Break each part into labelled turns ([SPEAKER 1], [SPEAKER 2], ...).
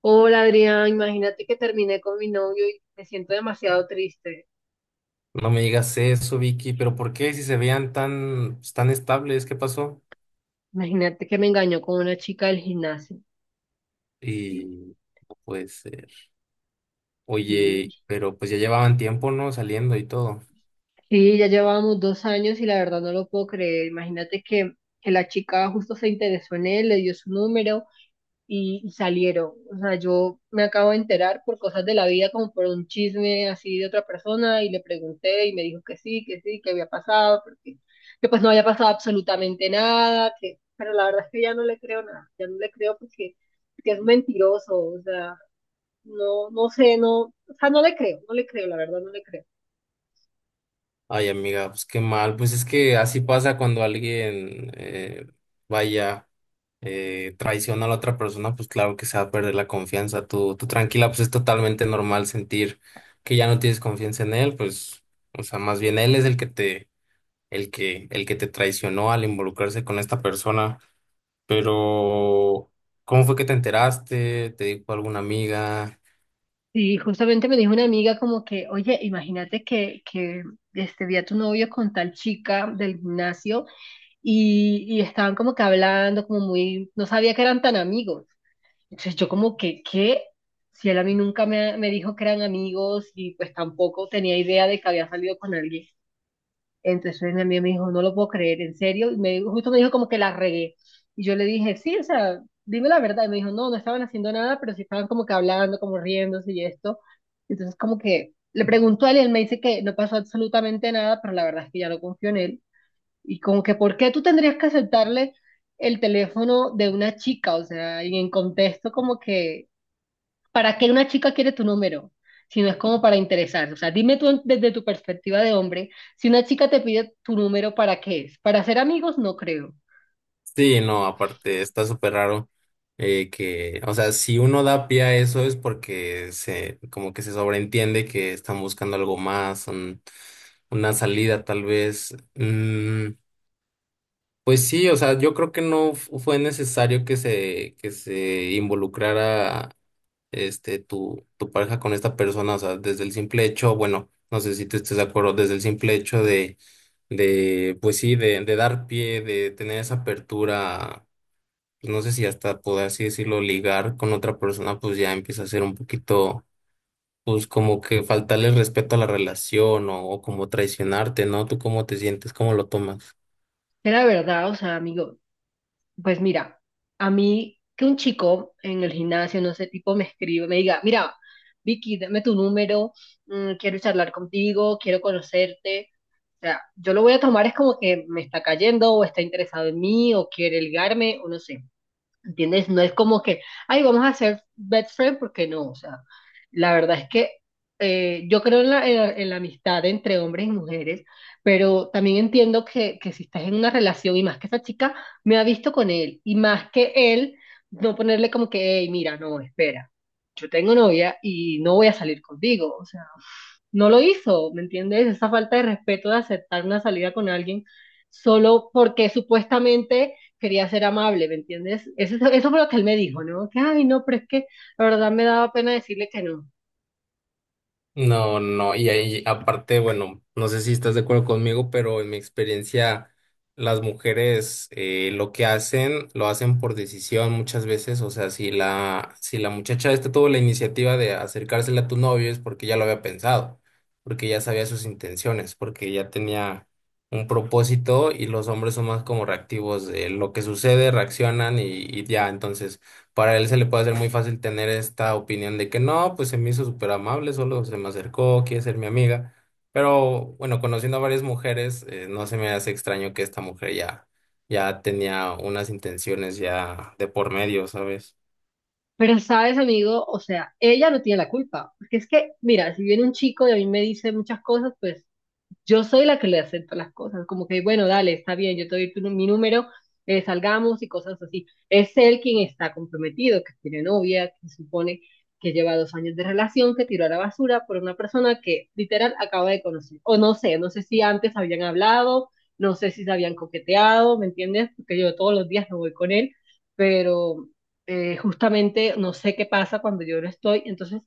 [SPEAKER 1] Hola Adrián, imagínate que terminé con mi novio y me siento demasiado triste.
[SPEAKER 2] No me digas eso, Vicky, pero ¿por qué si se veían tan, pues, tan estables? ¿Qué pasó?
[SPEAKER 1] Imagínate que me engañó con una chica del gimnasio. Sí,
[SPEAKER 2] Y no puede ser.
[SPEAKER 1] sí.
[SPEAKER 2] Oye, pero pues ya llevaban tiempo, ¿no? Saliendo y todo.
[SPEAKER 1] Sí, ya llevábamos 2 años y la verdad no lo puedo creer. Imagínate que, la chica justo se interesó en él, le dio su número y salieron. O sea, yo me acabo de enterar por cosas de la vida, como por un chisme así de otra persona, y le pregunté y me dijo que sí, que sí, que había pasado, que pues no había pasado absolutamente nada, que, pero la verdad es que ya no le creo nada, ya no le creo porque es mentiroso. O sea, no, no sé. No, o sea, no le creo, no le creo, la verdad no le creo.
[SPEAKER 2] Ay, amiga, pues qué mal. Pues es que así pasa cuando alguien vaya, traiciona a la otra persona, pues claro que se va a perder la confianza. Tú tranquila, pues es totalmente normal sentir que ya no tienes confianza en él, pues, o sea, más bien él es el que te traicionó al involucrarse con esta persona. Pero, ¿cómo fue que te enteraste? ¿Te dijo alguna amiga?
[SPEAKER 1] Sí, justamente me dijo una amiga como que, oye, imagínate que, que vi a tu novio con tal chica del gimnasio y estaban como que hablando, como muy, no sabía que eran tan amigos. Entonces yo como que, ¿qué? Si él a mí nunca me dijo que eran amigos y pues tampoco tenía idea de que había salido con alguien. Entonces mi amiga me dijo, no lo puedo creer, en serio. Justo me dijo como que la regué. Y yo le dije, sí, o sea, dime la verdad. Y me dijo, no, no estaban haciendo nada, pero sí estaban como que hablando, como riéndose y esto. Entonces como que le preguntó a él y él me dice que no pasó absolutamente nada, pero la verdad es que ya no confío en él. Y como que, ¿por qué tú tendrías que aceptarle el teléfono de una chica? O sea, y en contexto como que, ¿para qué una chica quiere tu número? Si no es como para interesarse. O sea, dime tú desde tu perspectiva de hombre, si una chica te pide tu número, ¿para qué es? ¿Para ser amigos? No creo.
[SPEAKER 2] Sí, no, aparte está súper raro, que, o sea, si uno da pie a eso es porque se, como que se sobreentiende que están buscando algo más, una salida tal vez. Pues sí, o sea, yo creo que no fu- fue necesario que se involucrara, tu, tu pareja con esta persona, o sea, desde el simple hecho, bueno, no sé si tú estés de acuerdo, desde el simple hecho de, pues sí, de dar pie, de tener esa apertura, pues no sé si hasta poder así decirlo, ligar con otra persona, pues ya empieza a ser un poquito, pues como que faltarle respeto a la relación o como traicionarte, ¿no? ¿Tú cómo te sientes? ¿Cómo lo tomas?
[SPEAKER 1] Era verdad, o sea, amigo. Pues mira, a mí que un chico en el gimnasio, no sé, tipo me escribe, me diga, mira, Vicky, dame tu número, quiero charlar contigo, quiero conocerte. O sea, yo lo voy a tomar es como que me está cayendo o está interesado en mí o quiere ligarme o no sé. ¿Entiendes? No es como que, ay, vamos a hacer best friend porque no. O sea, la verdad es que yo creo en la, en la amistad entre hombres y mujeres, pero también entiendo que si estás en una relación y más que esa chica me ha visto con él y más que él, no ponerle como que, hey, mira, no, espera, yo tengo novia y no voy a salir contigo. O sea, no lo hizo, ¿me entiendes? Esa falta de respeto de aceptar una salida con alguien solo porque supuestamente quería ser amable, ¿me entiendes? Eso fue lo que él me dijo, ¿no? Que, ay, no, pero es que la verdad me daba pena decirle que no.
[SPEAKER 2] No, no, y ahí aparte, bueno, no sé si estás de acuerdo conmigo, pero en mi experiencia, las mujeres, lo que hacen, lo hacen por decisión muchas veces. O sea, si la, si la muchacha esta tuvo la iniciativa de acercársela a tu novio es porque ya lo había pensado, porque ya sabía sus intenciones, porque ya tenía un propósito, y los hombres son más como reactivos de lo que sucede, reaccionan y ya, entonces para él se le puede hacer muy fácil tener esta opinión de que no, pues se me hizo súper amable, solo se me acercó, quiere ser mi amiga. Pero bueno, conociendo a varias mujeres, no se me hace extraño que esta mujer ya, ya tenía unas intenciones ya de por medio, ¿sabes?
[SPEAKER 1] Pero sabes, amigo, o sea, ella no tiene la culpa, porque es que, mira, si viene un chico y a mí me dice muchas cosas, pues yo soy la que le acepto las cosas, como que, bueno, dale, está bien, yo te doy tu, mi número, salgamos y cosas así. Es él quien está comprometido, que tiene novia, que supone que lleva 2 años de relación, que tiró a la basura por una persona que literal acaba de conocer. O no sé, no sé si antes habían hablado, no sé si se habían coqueteado, ¿me entiendes? Porque yo todos los días no voy con él, pero justamente no sé qué pasa cuando yo no estoy. Entonces,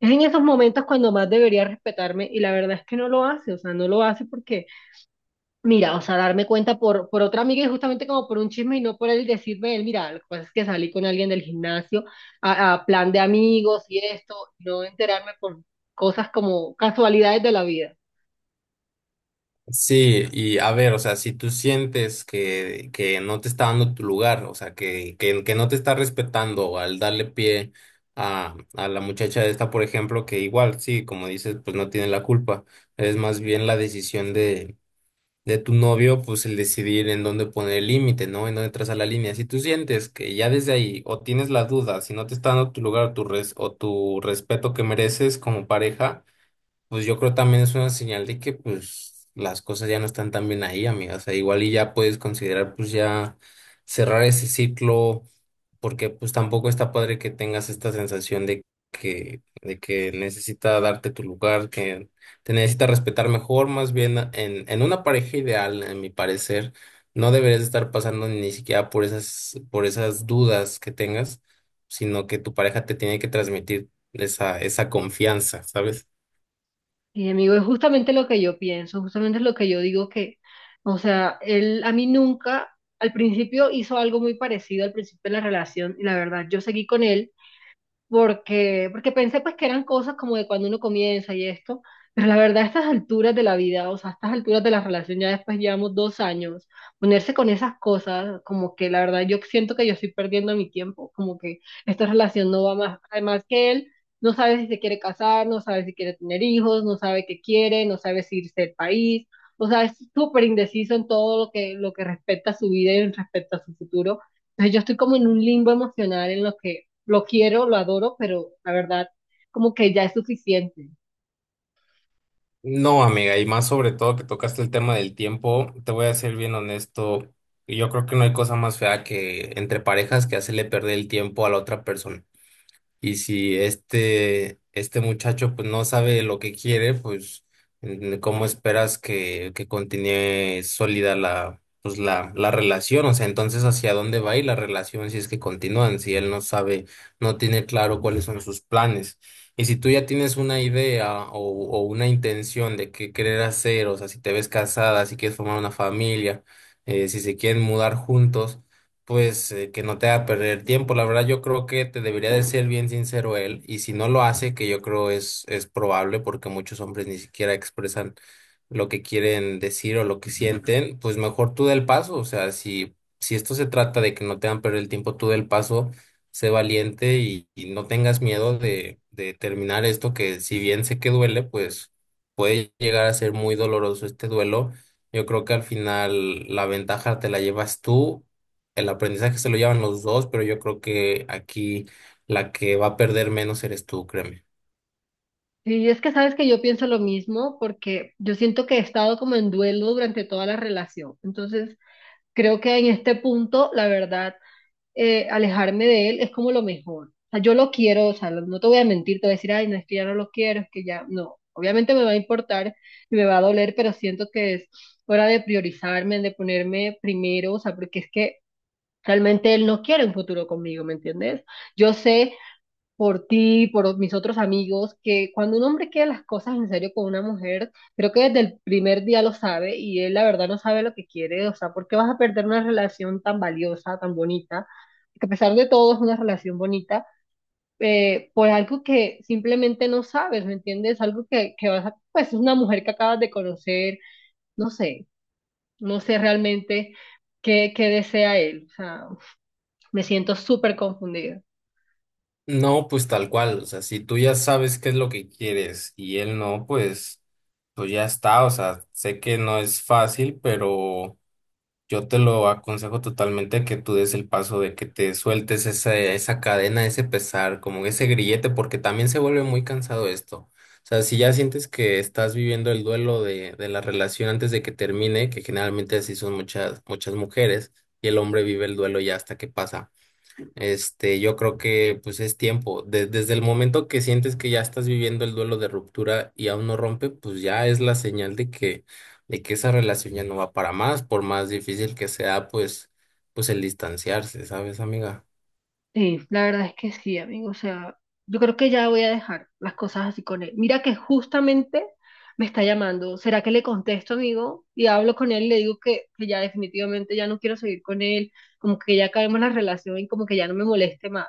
[SPEAKER 1] es en esos momentos cuando más debería respetarme y la verdad es que no lo hace. O sea, no lo hace porque, mira, o sea, darme cuenta por otra amiga y justamente como por un chisme y no por él decirme, él, mira, lo que pasa es que salí con alguien del gimnasio a plan de amigos y esto, no enterarme por cosas como casualidades de la vida.
[SPEAKER 2] Sí, y a ver, o sea, si tú sientes que no te está dando tu lugar, o sea, que no te está respetando al darle pie a la muchacha esta, por ejemplo, que igual, sí, como dices, pues no tiene la culpa, es más bien la decisión de tu novio, pues el decidir en dónde poner el límite, ¿no? En dónde trazar la línea. Si tú sientes que ya desde ahí o tienes la duda, si no te está dando tu lugar o tu, o tu respeto que mereces como pareja, pues yo creo también es una señal de que pues las cosas ya no están tan bien ahí, amiga. O sea, igual y ya puedes considerar pues ya cerrar ese ciclo, porque pues tampoco está padre que tengas esta sensación de que necesita darte tu lugar, que te necesita respetar mejor, más bien en una pareja ideal, en mi parecer, no deberías estar pasando ni siquiera por esas dudas que tengas, sino que tu pareja te tiene que transmitir esa, esa confianza, ¿sabes?
[SPEAKER 1] Y amigo, es justamente lo que yo pienso, justamente es lo que yo digo que, o sea, él a mí nunca, al principio hizo algo muy parecido al principio de la relación y la verdad, yo seguí con él porque, porque pensé pues que eran cosas como de cuando uno comienza y esto, pero la verdad a estas alturas de la vida, o sea, a estas alturas de la relación, ya después llevamos 2 años, ponerse con esas cosas, como que la verdad yo siento que yo estoy perdiendo mi tiempo, como que esta relación no va más. Además, que él no sabe si se quiere casar, no sabe si quiere tener hijos, no sabe qué quiere, no sabe si irse del país. O sea, es súper indeciso en todo lo que respecta a su vida y respecto a su futuro. Entonces yo estoy como en un limbo emocional en lo que lo quiero, lo adoro, pero la verdad, como que ya es suficiente.
[SPEAKER 2] No, amiga, y más sobre todo que tocaste el tema del tiempo, te voy a ser bien honesto, yo creo que no hay cosa más fea que entre parejas que hacerle perder el tiempo a la otra persona. Y si este, este muchacho pues no sabe lo que quiere, pues, ¿cómo esperas que continúe sólida la, pues, la relación? O sea, entonces ¿hacia dónde va a ir la relación si es que continúan? Si él no sabe, no tiene claro cuáles son sus planes. Y si tú ya tienes una idea o una intención de qué querer hacer, o sea, si te ves casada, si quieres formar una familia, si se quieren mudar juntos, pues que no te haga perder tiempo. La verdad, yo creo que te debería de ser bien sincero él, y si no lo hace, que yo creo es probable porque muchos hombres ni siquiera expresan lo que quieren decir o lo que sienten, pues mejor tú da el paso. O sea, si, si esto se trata de que no te hagan perder el tiempo, tú da el paso, sé valiente y no tengas miedo de terminar esto, que si bien sé que duele, pues puede llegar a ser muy doloroso este duelo. Yo creo que al final la ventaja te la llevas tú, el aprendizaje se lo llevan los dos, pero yo creo que aquí la que va a perder menos eres tú, créeme.
[SPEAKER 1] Y es que sabes que yo pienso lo mismo porque yo siento que he estado como en duelo durante toda la relación. Entonces, creo que en este punto, la verdad, alejarme de él es como lo mejor. O sea, yo lo quiero, o sea, no te voy a mentir, te voy a decir, ay, no, es que ya no lo quiero, es que ya, no. Obviamente me va a importar y me va a doler, pero siento que es hora de priorizarme, de ponerme primero. O sea, porque es que realmente él no quiere un futuro conmigo, ¿me entiendes? Yo sé por ti, por mis otros amigos, que cuando un hombre quiere las cosas en serio con una mujer, creo que desde el primer día lo sabe y él la verdad no sabe lo que quiere. O sea, ¿por qué vas a perder una relación tan valiosa, tan bonita? Que a pesar de todo es una relación bonita, por algo que simplemente no sabes, ¿me entiendes? Algo que vas a, pues es una mujer que acabas de conocer, no sé, no sé realmente qué desea él. O sea, me siento súper confundida.
[SPEAKER 2] No, pues tal cual, o sea, si tú ya sabes qué es lo que quieres y él no, pues, pues ya está, o sea, sé que no es fácil, pero... Yo te lo aconsejo totalmente que tú des el paso de que te sueltes esa, esa cadena, ese pesar, como ese grillete, porque también se vuelve muy cansado esto. O sea, si ya sientes que estás viviendo el duelo de la relación antes de que termine, que generalmente así son muchas, muchas mujeres, y el hombre vive el duelo ya hasta que pasa. Yo creo que pues es tiempo. Desde el momento que sientes que ya estás viviendo el duelo de ruptura y aún no rompe, pues ya es la señal de que esa relación ya no va para más, por más difícil que sea, pues, pues el distanciarse, ¿sabes, amiga?
[SPEAKER 1] Sí, la verdad es que sí, amigo. O sea, yo creo que ya voy a dejar las cosas así con él. Mira que justamente me está llamando. ¿Será que le contesto, amigo? Y hablo con él y le digo que ya definitivamente ya no quiero seguir con él, como que ya acabemos la relación y como que ya no me moleste más.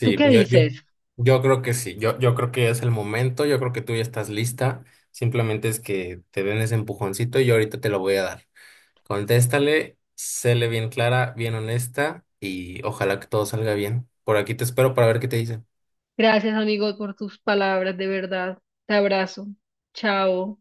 [SPEAKER 1] ¿Tú qué
[SPEAKER 2] yo, yo,
[SPEAKER 1] dices?
[SPEAKER 2] yo, creo que sí. Yo creo que es el momento, yo creo que tú ya estás lista. Simplemente es que te den ese empujoncito y yo ahorita te lo voy a dar. Contéstale, séle bien clara, bien honesta y ojalá que todo salga bien. Por aquí te espero para ver qué te dice.
[SPEAKER 1] Gracias, amigo, por tus palabras, de verdad. Te abrazo. Chao.